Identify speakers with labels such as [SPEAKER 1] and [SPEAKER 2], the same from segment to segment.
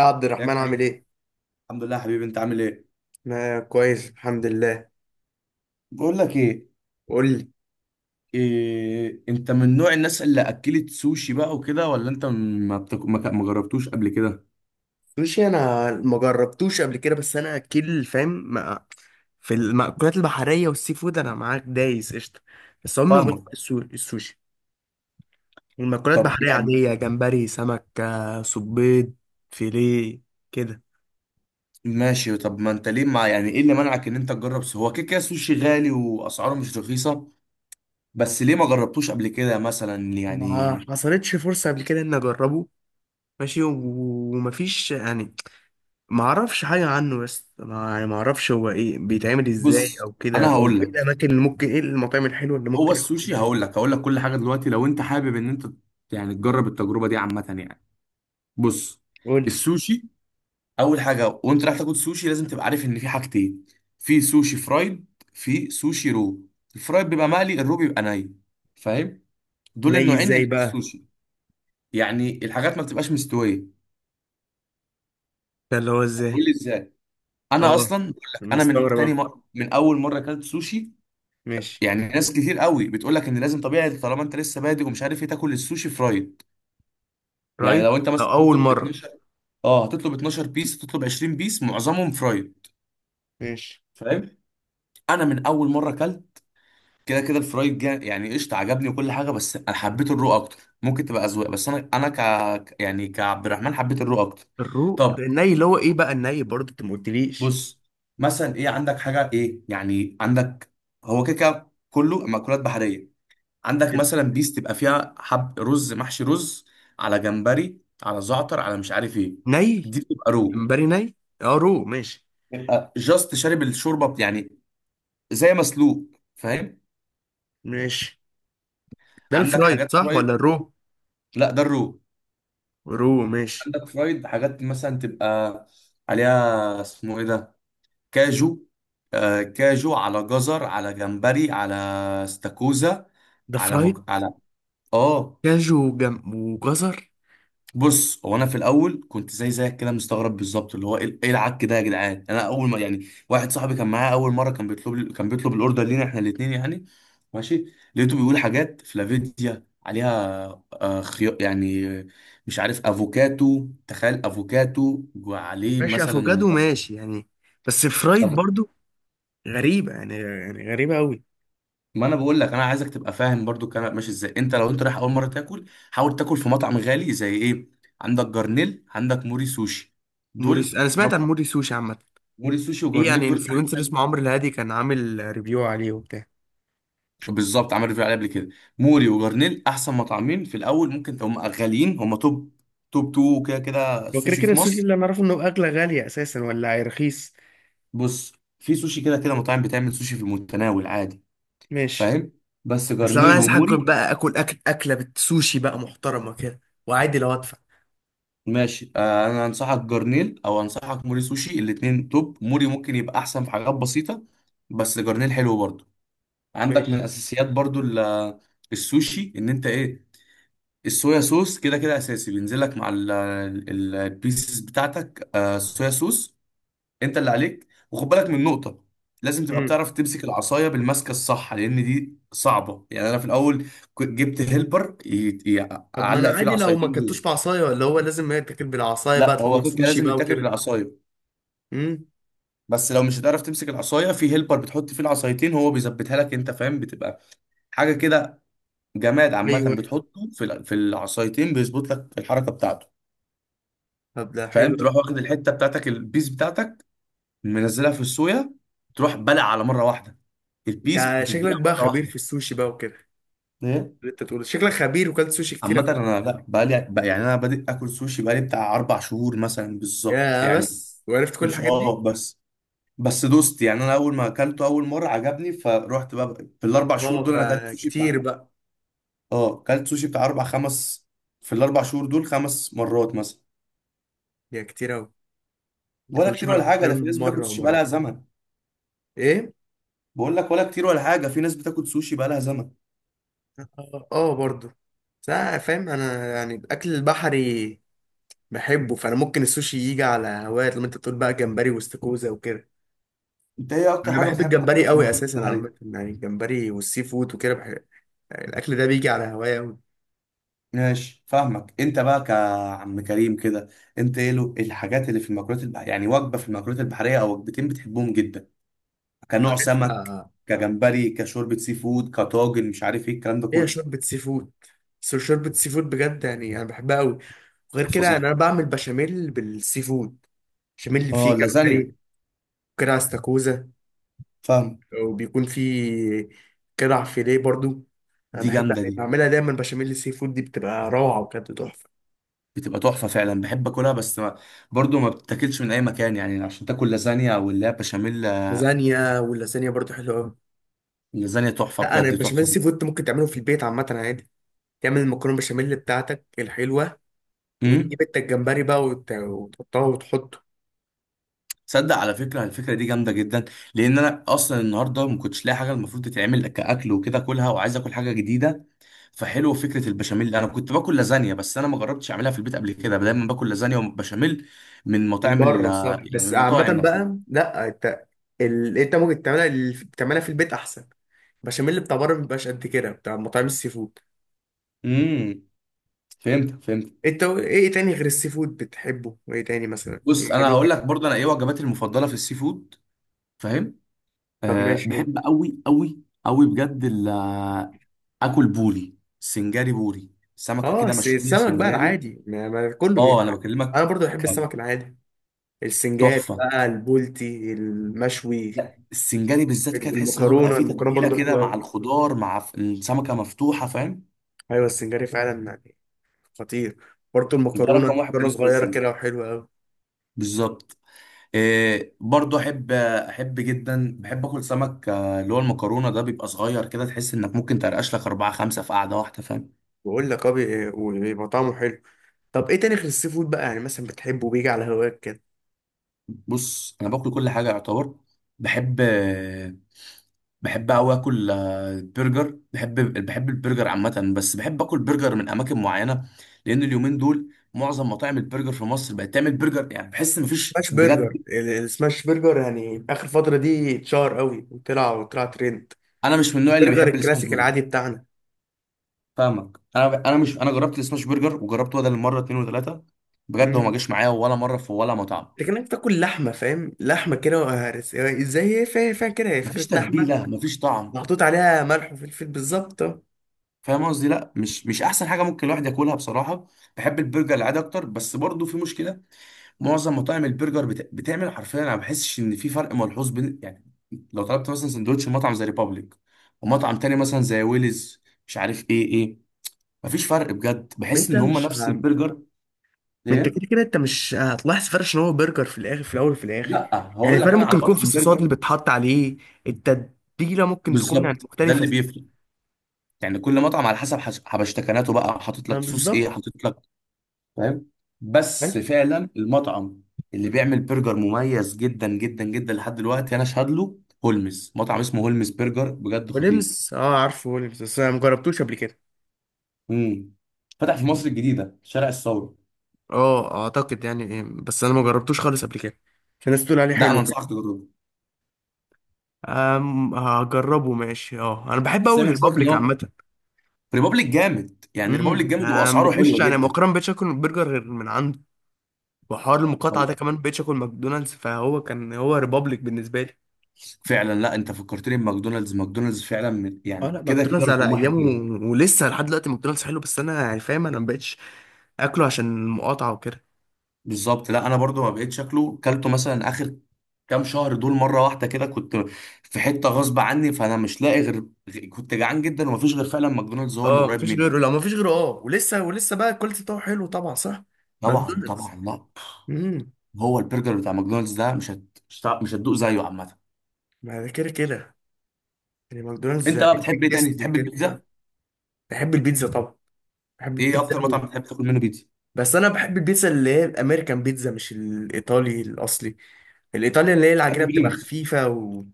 [SPEAKER 1] يا عبد
[SPEAKER 2] يا
[SPEAKER 1] الرحمن
[SPEAKER 2] كريم،
[SPEAKER 1] عامل ايه؟
[SPEAKER 2] الحمد لله يا حبيبي. انت عامل ايه؟
[SPEAKER 1] انا كويس الحمد لله.
[SPEAKER 2] بقول لك ايه،
[SPEAKER 1] قول لي.
[SPEAKER 2] إيه، انت من نوع الناس اللي اكلت سوشي بقى وكده ولا انت ما بتك... ما ك- ما جربتوش قبل كده؟
[SPEAKER 1] سوشي انا ما جربتوش قبل كده، بس انا اكل فاهم. في المأكولات البحرية والسي فود انا معاك دايس قشطة. بس عمري ما جربت
[SPEAKER 2] فاهمك.
[SPEAKER 1] السوشي. المأكولات
[SPEAKER 2] طب
[SPEAKER 1] البحرية
[SPEAKER 2] يعني
[SPEAKER 1] عادية، جمبري، سمك، صبيط، فيليه، كده.
[SPEAKER 2] ماشي. طب ما انت ليه، مع يعني ايه اللي منعك ان انت هو كده كده سوشي غالي واسعاره مش رخيصه. بس ليه ما جربتوش قبل كده مثلا يعني؟
[SPEAKER 1] ما حصلتش فرصة قبل كده اني اجربه. ماشي، ومفيش يعني. ما اعرفش حاجه عنه، بس ما يعني ما اعرفش هو ايه، بيتعمل ازاي
[SPEAKER 2] بص
[SPEAKER 1] او كده،
[SPEAKER 2] انا
[SPEAKER 1] او
[SPEAKER 2] هقول
[SPEAKER 1] ايه
[SPEAKER 2] لك.
[SPEAKER 1] الاماكن اللي ممكن، ايه المطاعم الحلوه اللي
[SPEAKER 2] هو
[SPEAKER 1] ممكن اكل
[SPEAKER 2] السوشي،
[SPEAKER 1] منها.
[SPEAKER 2] هقول لك كل حاجه دلوقتي. لو انت حابب ان انت يعني تجرب التجربه دي عامه يعني. بص،
[SPEAKER 1] قول لي.
[SPEAKER 2] السوشي اول حاجه. وانت رايح تاكل سوشي لازم تبقى عارف ان في حاجتين. في سوشي فرايد، في سوشي رو. الفرايد بيبقى مقلي، الرو بيبقى ني. فاهم؟ دول
[SPEAKER 1] ني
[SPEAKER 2] النوعين
[SPEAKER 1] ازاي
[SPEAKER 2] اللي في
[SPEAKER 1] بقى؟
[SPEAKER 2] السوشي. يعني الحاجات ما بتبقاش مستويه.
[SPEAKER 1] ده اللي هو
[SPEAKER 2] هتقول
[SPEAKER 1] ازاي؟
[SPEAKER 2] لي ازاي؟ انا
[SPEAKER 1] اه،
[SPEAKER 2] اصلا بقول لك، انا من
[SPEAKER 1] مستغرب
[SPEAKER 2] تاني
[SPEAKER 1] أهو.
[SPEAKER 2] مره، من اول مره اكلت سوشي
[SPEAKER 1] ماشي.
[SPEAKER 2] يعني ناس كتير قوي بتقول لك ان لازم طبيعي طالما انت لسه بادئ ومش عارف ايه تاكل السوشي فرايد. يعني
[SPEAKER 1] رايت
[SPEAKER 2] لو انت مثلا
[SPEAKER 1] أو اول
[SPEAKER 2] هتطلب
[SPEAKER 1] مره.
[SPEAKER 2] 12. اه، هتطلب 12 بيس، هتطلب 20 بيس معظمهم فرايد.
[SPEAKER 1] ماشي.
[SPEAKER 2] فاهم؟ انا من اول مره اكلت، كده كده الفرايد جا يعني قشطه، عجبني وكل حاجه، بس انا حبيت الرو اكتر. ممكن تبقى اذواق بس انا انا ك يعني كعبد الرحمن حبيت الرو اكتر.
[SPEAKER 1] الروق ده
[SPEAKER 2] طب
[SPEAKER 1] الني، اللي هو ايه بقى الني، برضه انت ما قلتليش.
[SPEAKER 2] بص. مثلا ايه عندك حاجه، ايه يعني عندك؟ هو كده كده كله مأكولات بحريه. عندك
[SPEAKER 1] حلو.
[SPEAKER 2] مثلا بيس تبقى فيها حب رز، محشي رز، على جمبري، على زعتر، على مش عارف ايه.
[SPEAKER 1] ني.
[SPEAKER 2] دي بتبقى رو.
[SPEAKER 1] جمبري ني. اه، رو، ماشي.
[SPEAKER 2] يبقى جاست شارب الشوربه يعني، زي مسلوق. فاهم؟
[SPEAKER 1] ماشي. ده
[SPEAKER 2] عندك
[SPEAKER 1] الفرايد
[SPEAKER 2] حاجات
[SPEAKER 1] صح ولا
[SPEAKER 2] فرايد.
[SPEAKER 1] الرو؟
[SPEAKER 2] لا ده الرو.
[SPEAKER 1] رو، ماشي.
[SPEAKER 2] عندك فرايد حاجات مثلا تبقى عليها اسمه ايه ده، كاجو. آه كاجو على جزر، على جمبري، على استاكوزا،
[SPEAKER 1] ده فرايد.
[SPEAKER 2] على اه.
[SPEAKER 1] كاجو وجزر.
[SPEAKER 2] بص، هو انا في الاول كنت زي زيك كده مستغرب بالظبط، اللي هو ايه، إيه العك ده يا جدعان. انا اول ما، يعني واحد صاحبي كان معايا اول مره كان بيطلب الاوردر لينا احنا الاثنين يعني. ماشي، لقيته بيقول حاجات فلافيديا عليها، آه خيار يعني، مش عارف افوكاتو. تخيل افوكاتو وعليه
[SPEAKER 1] ماشي،
[SPEAKER 2] مثلا.
[SPEAKER 1] افوكادو، ماشي يعني. بس فرايد
[SPEAKER 2] طب
[SPEAKER 1] برضو. غريبه يعني غريبه قوي.
[SPEAKER 2] ما انا بقول لك انا عايزك تبقى فاهم برضو الكلام ماشي ازاي. انت لو انت رايح اول مره تاكل، حاول تاكل في مطعم غالي زي ايه. عندك جرنيل، عندك موري سوشي،
[SPEAKER 1] موريس،
[SPEAKER 2] دول.
[SPEAKER 1] انا سمعت عن موري سوشي عامه.
[SPEAKER 2] موري سوشي
[SPEAKER 1] في
[SPEAKER 2] وجرنيل
[SPEAKER 1] يعني
[SPEAKER 2] دول
[SPEAKER 1] انفلونسر
[SPEAKER 2] احسن.
[SPEAKER 1] اسمه عمرو الهادي كان عامل ريفيو عليه وبتاع.
[SPEAKER 2] بالظبط، عملت ريفيو عليه قبل كده. موري وجرنيل احسن مطعمين. في الاول ممكن هم غاليين. هم توب توب تو كده كده
[SPEAKER 1] هو كده
[SPEAKER 2] سوشي
[SPEAKER 1] كده
[SPEAKER 2] في
[SPEAKER 1] السوشي
[SPEAKER 2] مصر.
[SPEAKER 1] اللي انا اعرفه انه اغلى، غاليه اساسا ولا رخيص؟
[SPEAKER 2] بص في سوشي كده كده مطاعم بتعمل سوشي في المتناول عادي.
[SPEAKER 1] ماشي.
[SPEAKER 2] فاهم؟ بس
[SPEAKER 1] بس لو انا
[SPEAKER 2] جرنيل
[SPEAKER 1] عايز حاجه
[SPEAKER 2] وموري
[SPEAKER 1] بقى اكله بالسوشي بقى محترمه كده، وعادي لو ادفع.
[SPEAKER 2] ماشي. آه، انا انصحك جرنيل او انصحك موري سوشي. الاتنين توب. موري ممكن يبقى احسن في حاجات بسيطة بس جرنيل حلو برضو. عندك
[SPEAKER 1] ماشي.
[SPEAKER 2] من اساسيات برضو ال- السوشي ان انت ايه، الصويا صوص كده كده اساسي بينزل لك مع البيسز بتاعتك. آه، الصويا صوص انت اللي عليك. وخد بالك من نقطة، لازم تبقى
[SPEAKER 1] امم.
[SPEAKER 2] بتعرف تمسك العصاية بالمسكة الصح لان دي صعبة يعني. انا في الاول كنت جبت هيلبر،
[SPEAKER 1] طب ما انا
[SPEAKER 2] اعلق فيه
[SPEAKER 1] عادي لو ما
[SPEAKER 2] العصايتين
[SPEAKER 1] اكلتوش
[SPEAKER 2] دول.
[SPEAKER 1] بعصايه، ولا هو لازم يتاكل بالعصايه بقى
[SPEAKER 2] لا هو
[SPEAKER 1] طالما
[SPEAKER 2] كده
[SPEAKER 1] سوشي
[SPEAKER 2] لازم
[SPEAKER 1] بقى
[SPEAKER 2] يتاكل
[SPEAKER 1] وكده؟
[SPEAKER 2] بالعصاية
[SPEAKER 1] امم.
[SPEAKER 2] بس لو مش هتعرف تمسك العصايه في هيلبر بتحط فيه العصايتين هو بيظبطها لك، انت فاهم، بتبقى حاجه كده، جماد عامه،
[SPEAKER 1] ايوه، أيوة.
[SPEAKER 2] بتحطه في العصايتين بيظبط لك الحركه بتاعته.
[SPEAKER 1] طب ده حلو.
[SPEAKER 2] فاهم؟ تروح واخد الحته بتاعتك، البيس بتاعتك منزلها في الصويا، تروح بلع على مره واحده. البيس
[SPEAKER 1] انت
[SPEAKER 2] بتتبلع
[SPEAKER 1] شكلك بقى
[SPEAKER 2] مره
[SPEAKER 1] خبير
[SPEAKER 2] واحده.
[SPEAKER 1] في السوشي بقى وكده.
[SPEAKER 2] ايه؟
[SPEAKER 1] اللي انت تقول شكلك خبير وكلت سوشي كتير
[SPEAKER 2] عامة
[SPEAKER 1] قبل كده.
[SPEAKER 2] انا لا، بقالي بقى يعني، انا بادئ اكل سوشي بقالي بتاع اربع شهور مثلا بالظبط
[SPEAKER 1] يا
[SPEAKER 2] يعني.
[SPEAKER 1] بس وعرفت كل
[SPEAKER 2] مش
[SPEAKER 1] الحاجات
[SPEAKER 2] اه
[SPEAKER 1] دي.
[SPEAKER 2] بس، بس دوست يعني، انا اول ما اكلته اول مره عجبني فروحت بقى. في الاربع شهور
[SPEAKER 1] اه،
[SPEAKER 2] دول انا اكلت سوشي.
[SPEAKER 1] فكتير بقى.
[SPEAKER 2] اه كلت سوشي بتاع اربع خمس، في الاربع شهور دول خمس مرات مثلا.
[SPEAKER 1] يا كتير قوي. انت
[SPEAKER 2] ولا
[SPEAKER 1] كل
[SPEAKER 2] كتير
[SPEAKER 1] شهر
[SPEAKER 2] ولا حاجه،
[SPEAKER 1] حرفيا
[SPEAKER 2] ده في ناس بتاكل
[SPEAKER 1] مره
[SPEAKER 2] سوشي بقالها
[SPEAKER 1] ومرتين.
[SPEAKER 2] زمن.
[SPEAKER 1] ايه؟
[SPEAKER 2] بقول لك ولا كتير ولا حاجه، في ناس بتاكل سوشي بقالها زمن.
[SPEAKER 1] اه، اه، برضه. بس انا فاهم، انا يعني الاكل البحري بحبه، فانا ممكن السوشي يجي على هوايات لما انت تقول بقى جمبري واستاكوزا وكده.
[SPEAKER 2] انت ايه اكتر
[SPEAKER 1] انا
[SPEAKER 2] حاجه
[SPEAKER 1] بحب
[SPEAKER 2] بتحب تاكلها
[SPEAKER 1] الجمبري
[SPEAKER 2] في
[SPEAKER 1] قوي
[SPEAKER 2] المأكولات
[SPEAKER 1] اساسا، عامه
[SPEAKER 2] البحريه؟
[SPEAKER 1] يعني الجمبري والسي فود وكده بحب. يعني الاكل ده بيجي على هواية قوي.
[SPEAKER 2] ماشي فاهمك. انت بقى كعم كريم كده، انت ايه له الحاجات اللي في المأكولات البحريه يعني، وجبه في المأكولات البحريه او وجبتين بتحبهم جدا؟ كنوع
[SPEAKER 1] عارف.
[SPEAKER 2] سمك، كجمبري، كشوربه سي فود، كطاجن، مش عارف ايه الكلام ده
[SPEAKER 1] هي
[SPEAKER 2] كله.
[SPEAKER 1] شوربة سي فود. بس شوربة سي فود بجد يعني أنا بحبها أوي. وغير كده يعني
[SPEAKER 2] فظيعة.
[SPEAKER 1] أنا بعمل بشاميل بالسي فود. بشاميل اللي
[SPEAKER 2] اه
[SPEAKER 1] فيه جمبري،
[SPEAKER 2] اللازانيا.
[SPEAKER 1] وكرع استاكوزا،
[SPEAKER 2] فاهم.
[SPEAKER 1] وبيكون فيه كرع فيليه برضو. أنا
[SPEAKER 2] دي
[SPEAKER 1] بحب
[SPEAKER 2] جامده
[SPEAKER 1] يعني
[SPEAKER 2] دي،
[SPEAKER 1] بعملها دايما، بشاميل السي فود دي بتبقى روعة وكانت تحفة.
[SPEAKER 2] بتبقى تحفة فعلا. بحب اكلها بس ما، برضو ما بتاكلش من اي مكان يعني عشان تاكل لازانيا او اللي هي بشاميل.
[SPEAKER 1] لازانيا، واللازانيا برضو حلوة أوي.
[SPEAKER 2] اللازانيا تحفة
[SPEAKER 1] لا، أنا
[SPEAKER 2] بجد
[SPEAKER 1] البشاميل
[SPEAKER 2] تحفة.
[SPEAKER 1] السي فود تعمله، ممكن تعمله في البيت عامة عادي. تعمل المكرونة بشاميل بتاعتك الحلوة،
[SPEAKER 2] امم.
[SPEAKER 1] وتجيب انت الجمبري بقى وتحطها وتحطه.
[SPEAKER 2] تصدق على فكرة الفكرة دي جامدة جدا. لان انا اصلا النهاردة ما كنتش لاقي حاجة المفروض تتعمل كاكل وكده اكلها، وعايز اكل حاجة جديدة. فحلو فكرة البشاميل. انا كنت باكل لازانيا بس انا ما جربتش اعملها في البيت قبل كده. دايما باكل لازانيا وبشاميل من
[SPEAKER 1] من
[SPEAKER 2] مطاعم
[SPEAKER 1] بره صح،
[SPEAKER 2] يعني من
[SPEAKER 1] بس عامة
[SPEAKER 2] المطاعم نفسها.
[SPEAKER 1] بقى لا، انت انت ممكن تعملها، تعملها في البيت احسن. البشاميل بتاع بره مبيبقاش قد كده بتاع مطاعم السي فود.
[SPEAKER 2] امم. فهمت.
[SPEAKER 1] انت ايه تاني غير السي فود بتحبه، ايه تاني مثلا،
[SPEAKER 2] بص
[SPEAKER 1] ايه
[SPEAKER 2] انا
[SPEAKER 1] نوع
[SPEAKER 2] هقول
[SPEAKER 1] اكل؟
[SPEAKER 2] لك برضه انا ايه وجباتي المفضله في السي فود. فاهم؟
[SPEAKER 1] طب
[SPEAKER 2] أه
[SPEAKER 1] ماشي، قول.
[SPEAKER 2] بحب قوي قوي قوي بجد اكل بوري سنجاري. بوري سمكه
[SPEAKER 1] اه،
[SPEAKER 2] كده مشويه
[SPEAKER 1] السمك بقى
[SPEAKER 2] سنجاري.
[SPEAKER 1] العادي ما كله.
[SPEAKER 2] اه انا
[SPEAKER 1] انا
[SPEAKER 2] بكلمك
[SPEAKER 1] برضو بحب
[SPEAKER 2] كان.
[SPEAKER 1] السمك العادي. السنجاري
[SPEAKER 2] تحفه.
[SPEAKER 1] بقى، البولتي المشوي.
[SPEAKER 2] لا السنجاري بالذات كده تحس ان هو بيبقى
[SPEAKER 1] المكرونة
[SPEAKER 2] فيه
[SPEAKER 1] المكرونة
[SPEAKER 2] تتبيله
[SPEAKER 1] برضو
[SPEAKER 2] كده
[SPEAKER 1] حلوة
[SPEAKER 2] مع
[SPEAKER 1] قوي.
[SPEAKER 2] الخضار السمكه مفتوحه فاهم.
[SPEAKER 1] ايوه، السنجاري فعلا يعني خطير. برضو
[SPEAKER 2] ده
[SPEAKER 1] المكرونة،
[SPEAKER 2] رقم واحد
[SPEAKER 1] مكرونة
[SPEAKER 2] بالنسبه
[SPEAKER 1] صغيرة
[SPEAKER 2] للسمك.
[SPEAKER 1] كده وحلوة قوي.
[SPEAKER 2] بالظبط. إيه برضو احب جدا بحب اكل سمك. آه، اللي هو المكرونه ده بيبقى صغير كده تحس انك ممكن ترقش لك اربعه خمسه في قعده واحده. فاهم؟
[SPEAKER 1] بقول لك اه، وبيبقى طعمه حلو. طب ايه تاني غير السي فود بقى يعني مثلا بتحبه بيجي على هواك كده؟
[SPEAKER 2] بص انا باكل كل حاجه يعتبر. بحب، قوي اكل آه، برجر بحب. بحب البرجر عامه بس بحب اكل برجر من اماكن معينه لان اليومين دول معظم مطاعم البرجر في مصر بقت تعمل برجر يعني بحس ان مفيش
[SPEAKER 1] سماش
[SPEAKER 2] بجد.
[SPEAKER 1] برجر، السماش برجر يعني اخر فتره دي اتشهر قوي وطلع ترند.
[SPEAKER 2] انا مش من النوع اللي
[SPEAKER 1] برجر
[SPEAKER 2] بيحب السماش
[SPEAKER 1] الكلاسيك
[SPEAKER 2] برجر.
[SPEAKER 1] العادي بتاعنا.
[SPEAKER 2] فاهمك. انا انا مش انا جربت السماش برجر وجربته بدل مره اتنين وتلاته. بجد هو ما
[SPEAKER 1] امم.
[SPEAKER 2] جاش معايا ولا مره في ولا مطعم.
[SPEAKER 1] لكنك بتاكل لحمه، فاهم، لحمه كده ازاي، هي فاهم كده، هي
[SPEAKER 2] مفيش
[SPEAKER 1] فكره لحمه
[SPEAKER 2] تتبيله، مفيش طعم.
[SPEAKER 1] محطوط عليها ملح وفلفل بالظبط آه.
[SPEAKER 2] فاهم قصدي. لا مش مش احسن حاجه ممكن الواحد ياكلها بصراحه. بحب البرجر العادي اكتر بس برضو في مشكله. معظم مطاعم البرجر بتعمل حرفيا، انا ما بحسش ان في فرق ملحوظ بين، يعني لو طلبت مثلا سندوتش من مطعم زي ريبابليك ومطعم تاني مثلا زي ويلز، مش عارف ايه ايه. مفيش فرق بجد. بحس
[SPEAKER 1] انت
[SPEAKER 2] ان هم
[SPEAKER 1] مش
[SPEAKER 2] نفس
[SPEAKER 1] ه-
[SPEAKER 2] البرجر.
[SPEAKER 1] ما انت
[SPEAKER 2] ايه؟
[SPEAKER 1] كده كده انت مش هتلاحظ فرق، عشان هو برجر في الاخر، في الاول وفي الاخر.
[SPEAKER 2] لا
[SPEAKER 1] يعني
[SPEAKER 2] هقول لك
[SPEAKER 1] الفرق
[SPEAKER 2] انا على
[SPEAKER 1] ممكن يكون في
[SPEAKER 2] مطعم
[SPEAKER 1] الصوصات
[SPEAKER 2] برجر.
[SPEAKER 1] اللي بتحط عليه، التتبيله ممكن تكون يعني
[SPEAKER 2] بالظبط ده اللي
[SPEAKER 1] مختلفه.
[SPEAKER 2] بيفرق. يعني كل مطعم على حسب حبشتكناته بقى، حاطط لك
[SPEAKER 1] يعني
[SPEAKER 2] صوص
[SPEAKER 1] بالظبط.
[SPEAKER 2] ايه، حاطط لك. فاهم. بس
[SPEAKER 1] حلو.
[SPEAKER 2] فعلا المطعم اللي بيعمل برجر مميز جدا جدا جدا لحد دلوقتي انا اشهد له، هولمز، مطعم اسمه هولمز برجر بجد خطير.
[SPEAKER 1] ولمس، اه، عارفه ولمس، بس انا مجربتوش قبل كده.
[SPEAKER 2] امم. فتح في مصر
[SPEAKER 1] يعني
[SPEAKER 2] الجديده شارع الثوره.
[SPEAKER 1] اه، اعتقد يعني إيه، بس انا مجربتوش خالص قبل كده. عشان الناس تقول عليه
[SPEAKER 2] ده انا
[SPEAKER 1] حلو كده.
[SPEAKER 2] انصحك تجربه.
[SPEAKER 1] أم، هجربه، ماشي. اه، انا بحب اقول
[SPEAKER 2] سامح صوتك ان
[SPEAKER 1] الريبابليك
[SPEAKER 2] هو
[SPEAKER 1] عامه.
[SPEAKER 2] ريبابليك جامد، يعني ريبابليك
[SPEAKER 1] امم،
[SPEAKER 2] جامد واسعاره
[SPEAKER 1] بخش
[SPEAKER 2] حلوه
[SPEAKER 1] يعني
[SPEAKER 2] جدا.
[SPEAKER 1] مؤخرا مبقتش اكل برجر غير من عنده. وحوار المقاطعه
[SPEAKER 2] والله
[SPEAKER 1] ده كمان مبقتش اكل ماكدونالدز، فهو كان هو ريبابليك بالنسبه لي.
[SPEAKER 2] فعلا. لا انت فكرتني بماكدونالدز. ماكدونالدز فعلا
[SPEAKER 1] اه
[SPEAKER 2] يعني
[SPEAKER 1] لا،
[SPEAKER 2] كده كده
[SPEAKER 1] ماكدونالدز على
[SPEAKER 2] رقم واحد.
[SPEAKER 1] ايامه، ولسه لحد دلوقتي ماكدونالدز حلو، بس انا يعني فاهم، انا مبقتش اكله عشان المقاطعه وكده.
[SPEAKER 2] بالظبط. لا انا برضو ما بقيت شكله كلته مثلا اخر كام شهر دول مره واحده كده. كنت في حته غصب عني فانا مش لاقي غير، كنت جعان جدا ومفيش غير فعلا ماكدونالدز هو اللي
[SPEAKER 1] اه،
[SPEAKER 2] قريب
[SPEAKER 1] مفيش
[SPEAKER 2] مني.
[SPEAKER 1] غيره، لا مفيش غيره. اه، ولسه بقى الكواليتي بتاعه حلو طبعا، صح؟
[SPEAKER 2] طبعا
[SPEAKER 1] ماكدونالدز.
[SPEAKER 2] طبعا. لا
[SPEAKER 1] امم.
[SPEAKER 2] هو البرجر بتاع ماكدونالدز ده مش هتدوق زيه عامه.
[SPEAKER 1] ما ده كده كده يعني ماكدونالدز.
[SPEAKER 2] انت بقى بتحب
[SPEAKER 1] بيج
[SPEAKER 2] ايه تاني؟
[SPEAKER 1] تيستي
[SPEAKER 2] بتحب
[SPEAKER 1] وكده بتاع.
[SPEAKER 2] البيتزا؟
[SPEAKER 1] بحب البيتزا طبعا. بحب
[SPEAKER 2] ايه
[SPEAKER 1] البيتزا
[SPEAKER 2] اكتر مطعم
[SPEAKER 1] قوي.
[SPEAKER 2] بتحب تاكل منه بيتزا؟
[SPEAKER 1] بس انا بحب البيتزا اللي هي الامريكان بيتزا، مش الايطالي الاصلي. الايطالي اللي هي
[SPEAKER 2] بتحب
[SPEAKER 1] العجينه بتبقى
[SPEAKER 2] بريموس.
[SPEAKER 1] خفيفه، و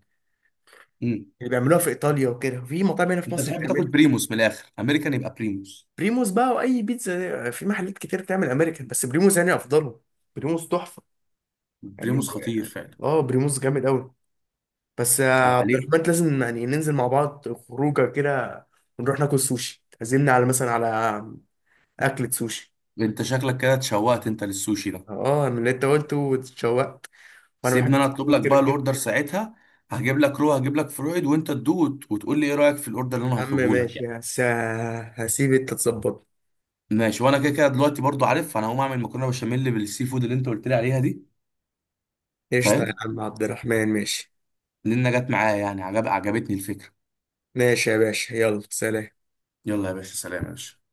[SPEAKER 2] امم.
[SPEAKER 1] اللي بيعملوها في ايطاليا وكده في مطاعم هنا في
[SPEAKER 2] انت
[SPEAKER 1] مصر.
[SPEAKER 2] بتحب تاكل بريموس. من الاخر امريكان يبقى بريموس.
[SPEAKER 1] بريموس بقى، واي بيتزا في محلات كتير بتعمل امريكان، بس بريموس يعني افضلهم. بريموس تحفه يعني.
[SPEAKER 2] بريموس خطير فعلا.
[SPEAKER 1] اه، بريموس جامد قوي. بس يا
[SPEAKER 2] هو
[SPEAKER 1] عبد
[SPEAKER 2] عليه.
[SPEAKER 1] الرحمن، لازم يعني ننزل مع بعض خروجه كده، ونروح ناكل سوشي، تعزمني على مثلا، على اكلة سوشي.
[SPEAKER 2] انت شكلك كده اتشوقت انت للسوشي ده.
[SPEAKER 1] اه، من اللي انت قلته واتشوقت. وانا بحب
[SPEAKER 2] سيبني انا اطلب لك
[SPEAKER 1] الفود كده
[SPEAKER 2] بقى
[SPEAKER 1] كده.
[SPEAKER 2] الاوردر ساعتها. هجيب لك رو، هجيب لك فرويد، وانت تدوق وتقول لي ايه رايك في الاوردر اللي انا
[SPEAKER 1] يا عم
[SPEAKER 2] هطلبه لك
[SPEAKER 1] ماشي،
[SPEAKER 2] يعني.
[SPEAKER 1] هسيب انت تظبط.
[SPEAKER 2] ماشي. وانا كده كده دلوقتي برضو عارف انا هقوم اعمل مكرونه بشاميل بالسي فود اللي انت قلت لي عليها دي.
[SPEAKER 1] قشطه يا
[SPEAKER 2] فاهم.
[SPEAKER 1] عم عبد الرحمن، ماشي.
[SPEAKER 2] لان جت معايا يعني عجبتني الفكره.
[SPEAKER 1] ماشي يا باشا، يلا سلام.
[SPEAKER 2] يلا يا باشا سلام يا باشا.